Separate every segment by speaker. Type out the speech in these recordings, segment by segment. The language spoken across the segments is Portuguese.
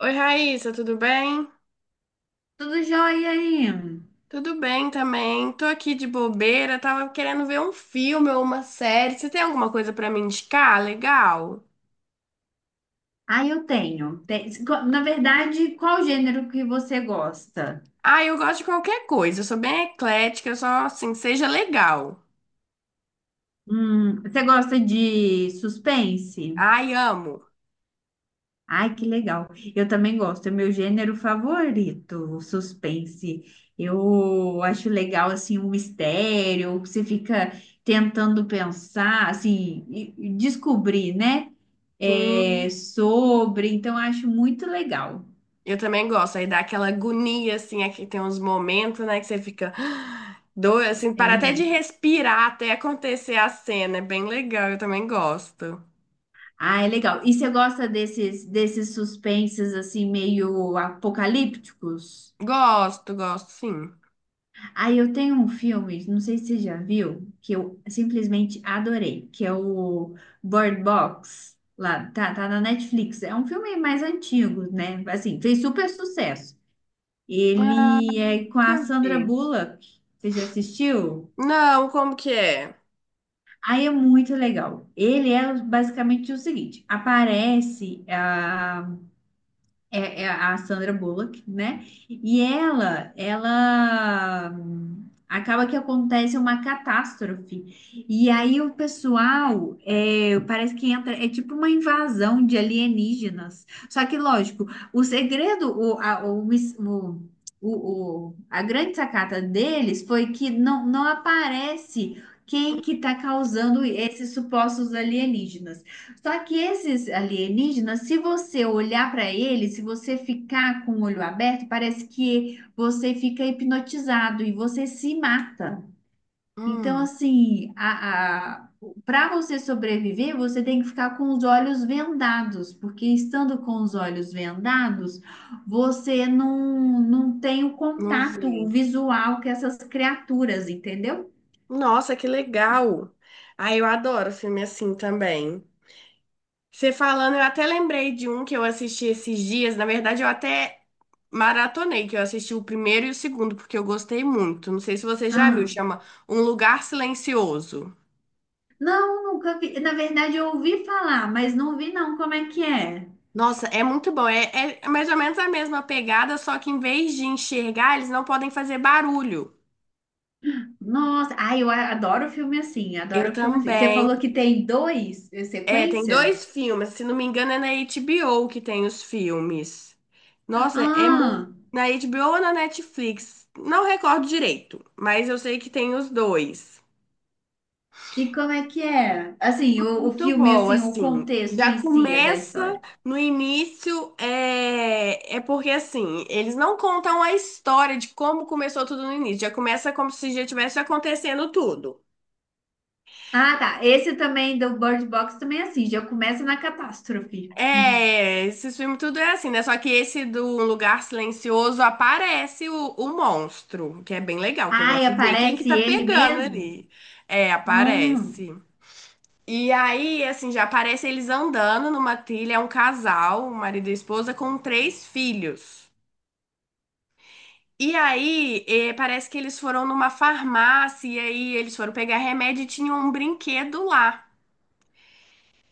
Speaker 1: Oi, Raíssa, tudo bem?
Speaker 2: Tudo jóia aí?
Speaker 1: Tudo bem também. Tô aqui de bobeira, tava querendo ver um filme ou uma série. Você tem alguma coisa pra me indicar? Legal.
Speaker 2: Aí eu tenho. Na verdade, qual gênero que você gosta?
Speaker 1: Ah, eu gosto de qualquer coisa. Eu sou bem eclética, eu só assim, seja legal.
Speaker 2: Você gosta de suspense?
Speaker 1: Ai, amo.
Speaker 2: Ai, que legal. Eu também gosto. É meu gênero favorito, o suspense. Eu acho legal, assim, um mistério, que você fica tentando pensar, assim, e descobrir, né? É,
Speaker 1: Sim,
Speaker 2: sobre. Então, eu acho muito legal.
Speaker 1: eu também gosto. Aí dá aquela agonia assim, aqui tem uns momentos, né, que você fica ah, doido assim, para até de
Speaker 2: É,
Speaker 1: respirar até acontecer a cena. É bem legal, eu também gosto.
Speaker 2: Ah, é legal. E você gosta desses, desses suspenses assim meio apocalípticos?
Speaker 1: Gosto, gosto, sim.
Speaker 2: Ah, eu tenho um filme, não sei se você já viu, que eu simplesmente adorei, que é o Bird Box. Lá, tá na Netflix. É um filme mais antigo, né? Assim, fez super sucesso.
Speaker 1: Ah,
Speaker 2: Ele é com a
Speaker 1: nunca
Speaker 2: Sandra
Speaker 1: vi.
Speaker 2: Bullock. Você já assistiu?
Speaker 1: Não, como que é?
Speaker 2: Aí é muito legal. Ele é basicamente o seguinte: aparece é a Sandra Bullock, né? E ela acaba que acontece uma catástrofe. E aí o pessoal é, parece que entra, é tipo uma invasão de alienígenas. Só que, lógico, o segredo, o, a, o, mis- o- a grande sacada deles foi que não aparece quem que está causando esses supostos alienígenas. Só que esses alienígenas, se você olhar para eles, se você ficar com o olho aberto, parece que você fica hipnotizado e você se mata. Então,
Speaker 1: Hum,
Speaker 2: assim, para você sobreviver, você tem que ficar com os olhos vendados, porque estando com os olhos vendados, você não tem o
Speaker 1: não
Speaker 2: contato
Speaker 1: vi.
Speaker 2: visual com essas criaturas, entendeu?
Speaker 1: Nossa, que legal. Ah, eu adoro filme assim também. Você falando, eu até lembrei de um que eu assisti esses dias. Na verdade, eu até maratonei, que eu assisti o primeiro e o segundo, porque eu gostei muito. Não sei se você já viu,
Speaker 2: Ah,
Speaker 1: chama Um Lugar Silencioso.
Speaker 2: não, nunca vi. Na verdade, eu ouvi falar, mas não vi não como é que é.
Speaker 1: Nossa, é muito bom. É, é mais ou menos a mesma pegada, só que em vez de enxergar, eles não podem fazer barulho.
Speaker 2: Nossa, ai, adoro filme assim,
Speaker 1: Eu
Speaker 2: adoro filme assim. Você
Speaker 1: também.
Speaker 2: falou que tem dois
Speaker 1: É, tem
Speaker 2: sequência?
Speaker 1: dois filmes, se não me engano é na HBO que tem os filmes. Nossa,
Speaker 2: Ah,
Speaker 1: na HBO ou na Netflix? Não recordo direito, mas eu sei que tem os dois.
Speaker 2: e como é que é? Assim, o
Speaker 1: Muito
Speaker 2: filme,
Speaker 1: bom,
Speaker 2: assim, o
Speaker 1: assim.
Speaker 2: contexto
Speaker 1: Já
Speaker 2: em si é da
Speaker 1: começa
Speaker 2: história.
Speaker 1: no início, é, é porque assim, eles não contam a história de como começou tudo no início. Já começa como se já tivesse acontecendo tudo.
Speaker 2: Ah, tá. Esse também do Bird Box também é assim, já começa na catástrofe. Uhum.
Speaker 1: É, esses filmes tudo é assim, né? Só que esse do Um Lugar Silencioso aparece o monstro, que é bem legal, que eu
Speaker 2: Ai,
Speaker 1: gosto de ver quem que
Speaker 2: aparece
Speaker 1: tá
Speaker 2: ele
Speaker 1: pegando
Speaker 2: mesmo?
Speaker 1: ali. É,
Speaker 2: Hum,
Speaker 1: aparece. E aí, assim, já aparece eles andando numa trilha, é um casal, o marido e a esposa, com três filhos. E aí, parece que eles foram numa farmácia, e aí eles foram pegar remédio e tinham um brinquedo lá.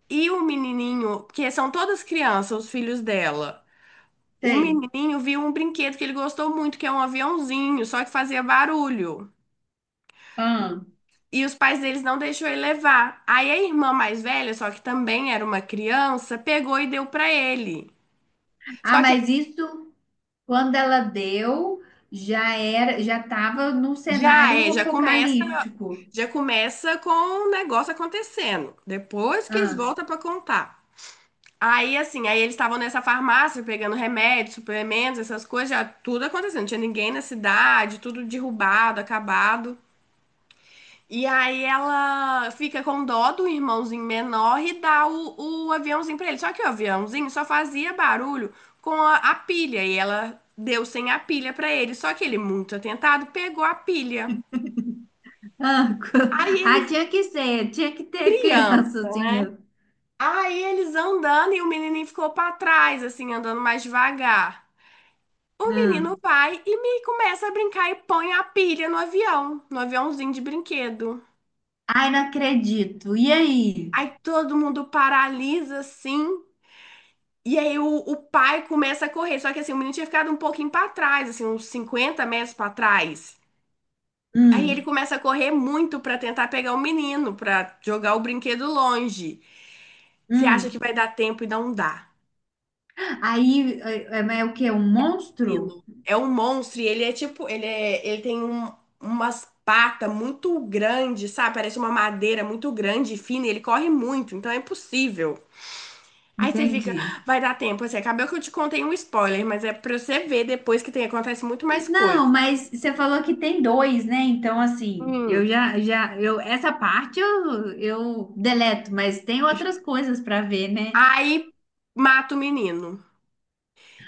Speaker 1: E o menininho, porque são todas crianças, os filhos dela. O
Speaker 2: sei.
Speaker 1: menininho viu um brinquedo que ele gostou muito, que é um aviãozinho, só que fazia barulho.
Speaker 2: Ah.
Speaker 1: E os pais deles não deixou ele levar. Aí a irmã mais velha, só que também era uma criança, pegou e deu pra ele.
Speaker 2: Ah,
Speaker 1: Só que
Speaker 2: mas isso, quando ela deu, já era, já tava num
Speaker 1: já
Speaker 2: cenário
Speaker 1: é,
Speaker 2: apocalíptico.
Speaker 1: já começa com o negócio acontecendo. Depois que eles voltam pra contar. Aí assim, aí eles estavam nessa farmácia pegando remédios, suplementos, essas coisas, já tudo acontecendo. Não tinha ninguém na cidade, tudo derrubado, acabado. E aí ela fica com dó do irmãozinho menor e dá o aviãozinho pra ele. Só que o aviãozinho só fazia barulho com a pilha e ela deu sem a pilha pra ele. Só que ele, muito atentado, pegou a pilha.
Speaker 2: Ah,
Speaker 1: Aí eles,
Speaker 2: ah, tinha que ser, tinha que ter criança
Speaker 1: criança,
Speaker 2: assim
Speaker 1: né?
Speaker 2: mesmo.
Speaker 1: Aí eles andando e o menininho ficou pra trás, assim, andando mais devagar. O menino
Speaker 2: Hum.
Speaker 1: vai e me começa a brincar e põe a pilha no avião, no aviãozinho de brinquedo.
Speaker 2: Ai, não acredito. E aí?
Speaker 1: Aí todo mundo paralisa assim. E aí o pai começa a correr, só que assim, o menino tinha ficado um pouquinho pra trás, assim, uns 50 metros pra trás. Aí ele
Speaker 2: Hum,
Speaker 1: começa a correr muito pra tentar pegar o menino, pra jogar o brinquedo longe. Você acha que
Speaker 2: hum.
Speaker 1: vai dar tempo e não dá.
Speaker 2: Aí é, é o quê? Um monstro?
Speaker 1: Menino, é um monstro e ele é tipo, ele tem umas patas muito grandes, sabe? Parece uma madeira muito grande e fina, e ele corre muito, então é impossível. Aí você fica,
Speaker 2: Entendi.
Speaker 1: "Ah, vai dar tempo", assim, acabou que eu te contei um spoiler, mas é pra você ver depois que tem, acontece muito mais coisa.
Speaker 2: Não, mas você falou que tem dois, né? Então, assim, eu
Speaker 1: Hum.
Speaker 2: essa parte eu deleto, mas tem outras coisas para ver, né?
Speaker 1: Aí mata o menino.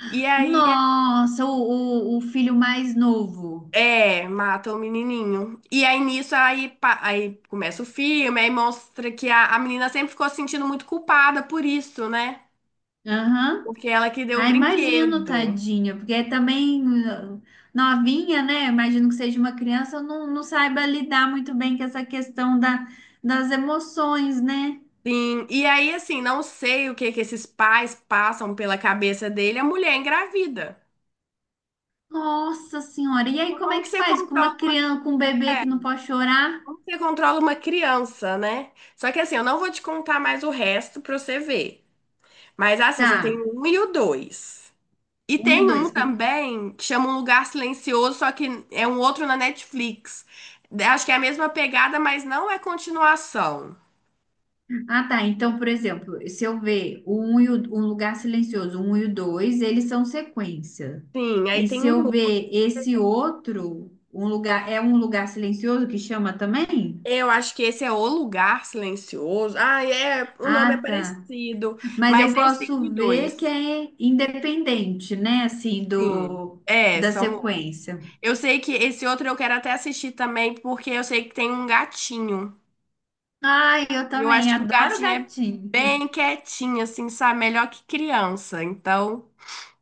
Speaker 1: E aí,
Speaker 2: Nossa, o filho mais novo.
Speaker 1: é, mata o menininho. E aí nisso, aí começa o filme, aí mostra que a menina sempre ficou se sentindo muito culpada por isso, né?
Speaker 2: Aham.
Speaker 1: Porque ela que deu o
Speaker 2: Ah, imagino,
Speaker 1: brinquedo.
Speaker 2: tadinha, porque também novinha, né? Imagino que seja uma criança, não saiba lidar muito bem com essa questão da, das emoções, né?
Speaker 1: Sim. E aí, assim, não sei o que que esses pais passam pela cabeça dele, a mulher é engravida.
Speaker 2: Nossa senhora, e aí
Speaker 1: Então,
Speaker 2: como é que faz com uma criança, com um bebê que não pode chorar?
Speaker 1: Como que você controla uma, criança, né? Só que assim, eu não vou te contar mais o resto pra você ver. Mas assim, você tem
Speaker 2: Tá,
Speaker 1: o um e o dois. E
Speaker 2: um e o
Speaker 1: tem um
Speaker 2: dois.
Speaker 1: também que chama Um Lugar Silencioso, só que é um outro na Netflix. Acho que é a mesma pegada, mas não é continuação.
Speaker 2: Ah, tá, então, por exemplo, se eu ver o um e o lugar silencioso, um e o dois, eles são sequência.
Speaker 1: Sim, aí
Speaker 2: E
Speaker 1: tem
Speaker 2: se
Speaker 1: um.
Speaker 2: eu ver esse outro, é um lugar silencioso que chama também?
Speaker 1: Eu acho que esse é O Lugar Silencioso. Ah, é. O nome é
Speaker 2: Ah, tá.
Speaker 1: parecido,
Speaker 2: Mas eu
Speaker 1: mas esse tem um
Speaker 2: posso
Speaker 1: e
Speaker 2: ver que
Speaker 1: dois.
Speaker 2: é independente, né? Assim,
Speaker 1: Sim.
Speaker 2: do
Speaker 1: É,
Speaker 2: da
Speaker 1: são.
Speaker 2: sequência.
Speaker 1: Eu sei que esse outro eu quero até assistir também, porque eu sei que tem um gatinho.
Speaker 2: Ai, eu
Speaker 1: E eu
Speaker 2: também
Speaker 1: acho que o
Speaker 2: adoro
Speaker 1: gatinho é
Speaker 2: gatinho.
Speaker 1: bem quietinho, assim, sabe? Melhor que criança. Então,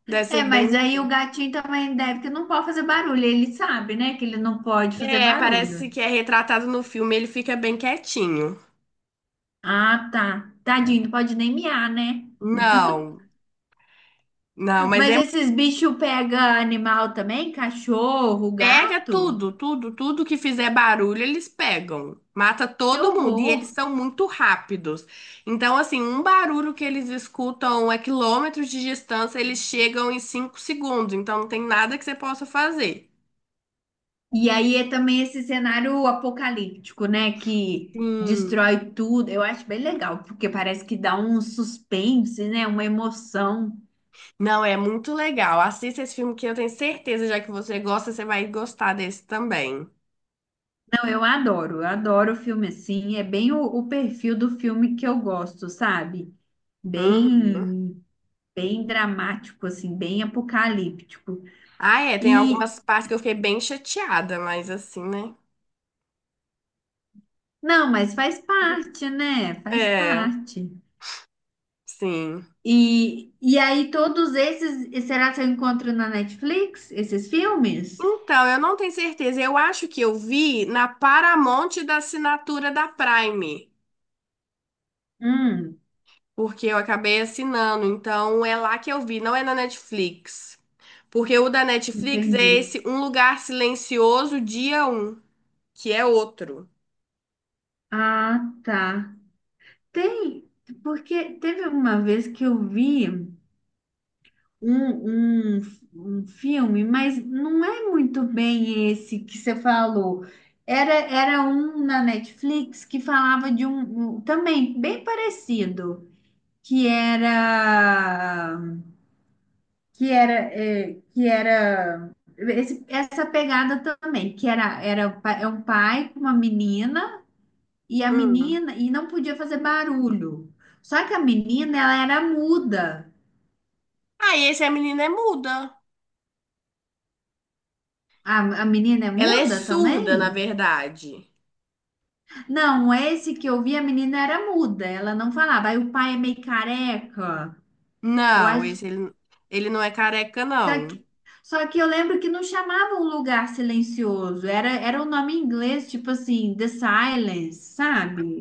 Speaker 1: deve ser
Speaker 2: É,
Speaker 1: bem.
Speaker 2: mas aí o gatinho também deve que não pode fazer barulho. Ele sabe, né, que ele não pode fazer
Speaker 1: É, parece
Speaker 2: barulho.
Speaker 1: que é retratado no filme, ele fica bem quietinho.
Speaker 2: Ah, tá. Tadinho, não pode nem miar, né?
Speaker 1: Não, não, mas
Speaker 2: Mas
Speaker 1: é
Speaker 2: esses bichos pegam animal também? Cachorro,
Speaker 1: pega
Speaker 2: gato?
Speaker 1: tudo, tudo, tudo que fizer barulho, eles pegam. Mata
Speaker 2: Que
Speaker 1: todo mundo e eles
Speaker 2: horror.
Speaker 1: são muito rápidos. Então, assim, um barulho que eles escutam a quilômetros de distância, eles chegam em 5 segundos. Então, não tem nada que você possa fazer.
Speaker 2: E aí é também esse cenário apocalíptico, né? Que
Speaker 1: Sim.
Speaker 2: destrói tudo. Eu acho bem legal, porque parece que dá um suspense, né? Uma emoção.
Speaker 1: Não, é muito legal. Assista esse filme que eu tenho certeza, já que você gosta, você vai gostar desse também.
Speaker 2: Não, eu adoro filme assim. É bem o perfil do filme que eu gosto, sabe?
Speaker 1: Uhum.
Speaker 2: Bem, bem dramático, assim, bem apocalíptico.
Speaker 1: Ah, é, tem
Speaker 2: E
Speaker 1: algumas partes que eu fiquei bem chateada, mas assim, né?
Speaker 2: não, mas faz parte, né? Faz
Speaker 1: É,
Speaker 2: parte.
Speaker 1: sim.
Speaker 2: E aí, todos esses, será que eu encontro na Netflix, esses filmes?
Speaker 1: Então, eu não tenho certeza. Eu acho que eu vi na Paramount da assinatura da Prime,
Speaker 2: Hum,
Speaker 1: porque eu acabei assinando. Então, é lá que eu vi, não é na Netflix. Porque o da Netflix é
Speaker 2: entendi.
Speaker 1: esse Um Lugar Silencioso, dia um, que é outro.
Speaker 2: Ah, tá. Tem, porque teve uma vez que eu vi um, um, um filme, mas não é muito bem esse que você falou. Era um na Netflix que falava de um também bem parecido, que era que era essa pegada também, que era é um pai com uma menina. E a
Speaker 1: Hum.
Speaker 2: menina, e não podia fazer barulho. Só que a menina, ela era muda.
Speaker 1: Ah, e esse a menina é muda.
Speaker 2: A menina é
Speaker 1: Ela é
Speaker 2: muda também?
Speaker 1: surda, na verdade.
Speaker 2: Não, esse que eu vi, a menina era muda, ela não falava. Aí o pai é meio careca. Eu
Speaker 1: Não,
Speaker 2: acho.
Speaker 1: esse ele, ele não é careca,
Speaker 2: tá
Speaker 1: não.
Speaker 2: que- Só que eu lembro que não chamava um lugar silencioso, era um nome em inglês, tipo assim, The Silence,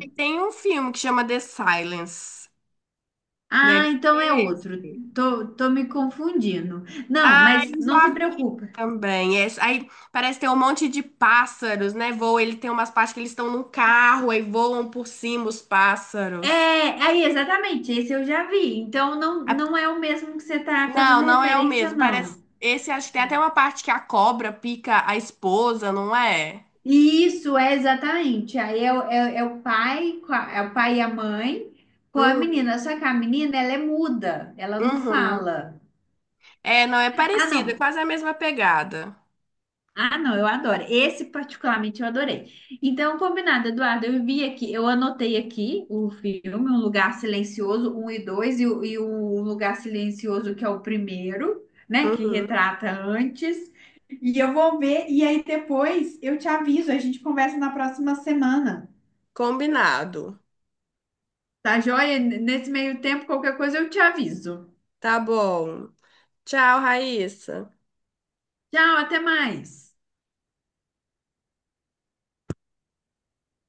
Speaker 1: E tem um filme que chama The Silence.
Speaker 2: Ah,
Speaker 1: Deve
Speaker 2: então é
Speaker 1: ser
Speaker 2: outro.
Speaker 1: esse.
Speaker 2: Tô me confundindo. Não,
Speaker 1: Ah,
Speaker 2: mas
Speaker 1: eu
Speaker 2: não se
Speaker 1: já vi
Speaker 2: preocupe.
Speaker 1: também. É, aí parece ter um monte de pássaros, né? Voa, ele tem umas partes que eles estão num carro e voam por cima os pássaros.
Speaker 2: É, aí, exatamente, esse eu já vi. Então,
Speaker 1: A-
Speaker 2: não é o mesmo que você está
Speaker 1: Não,
Speaker 2: fazendo
Speaker 1: não é o
Speaker 2: referência,
Speaker 1: mesmo. Parece.
Speaker 2: não.
Speaker 1: Esse acho que tem até uma parte que a cobra pica a esposa, não é?
Speaker 2: E isso é exatamente. Aí é, é o pai, é o pai e a mãe com a
Speaker 1: Uhum.
Speaker 2: menina. Só que a menina, ela é muda, ela não
Speaker 1: Uhum.
Speaker 2: fala.
Speaker 1: É, não é
Speaker 2: Ah,
Speaker 1: parecido, é
Speaker 2: não,
Speaker 1: quase a mesma pegada.
Speaker 2: Ah, não, eu adoro. Esse particularmente eu adorei. Então, combinado, Eduardo, eu vi aqui, eu anotei aqui o filme, Um Lugar Silencioso, um e dois o Um Lugar Silencioso, que é o primeiro, né, que
Speaker 1: Uhum.
Speaker 2: retrata antes. E eu vou ver, e aí depois eu te aviso, a gente conversa na próxima semana.
Speaker 1: Combinado.
Speaker 2: Tá joia? Nesse meio tempo, qualquer coisa eu te aviso.
Speaker 1: Tá bom. Tchau, Raíssa.
Speaker 2: Tchau, até mais.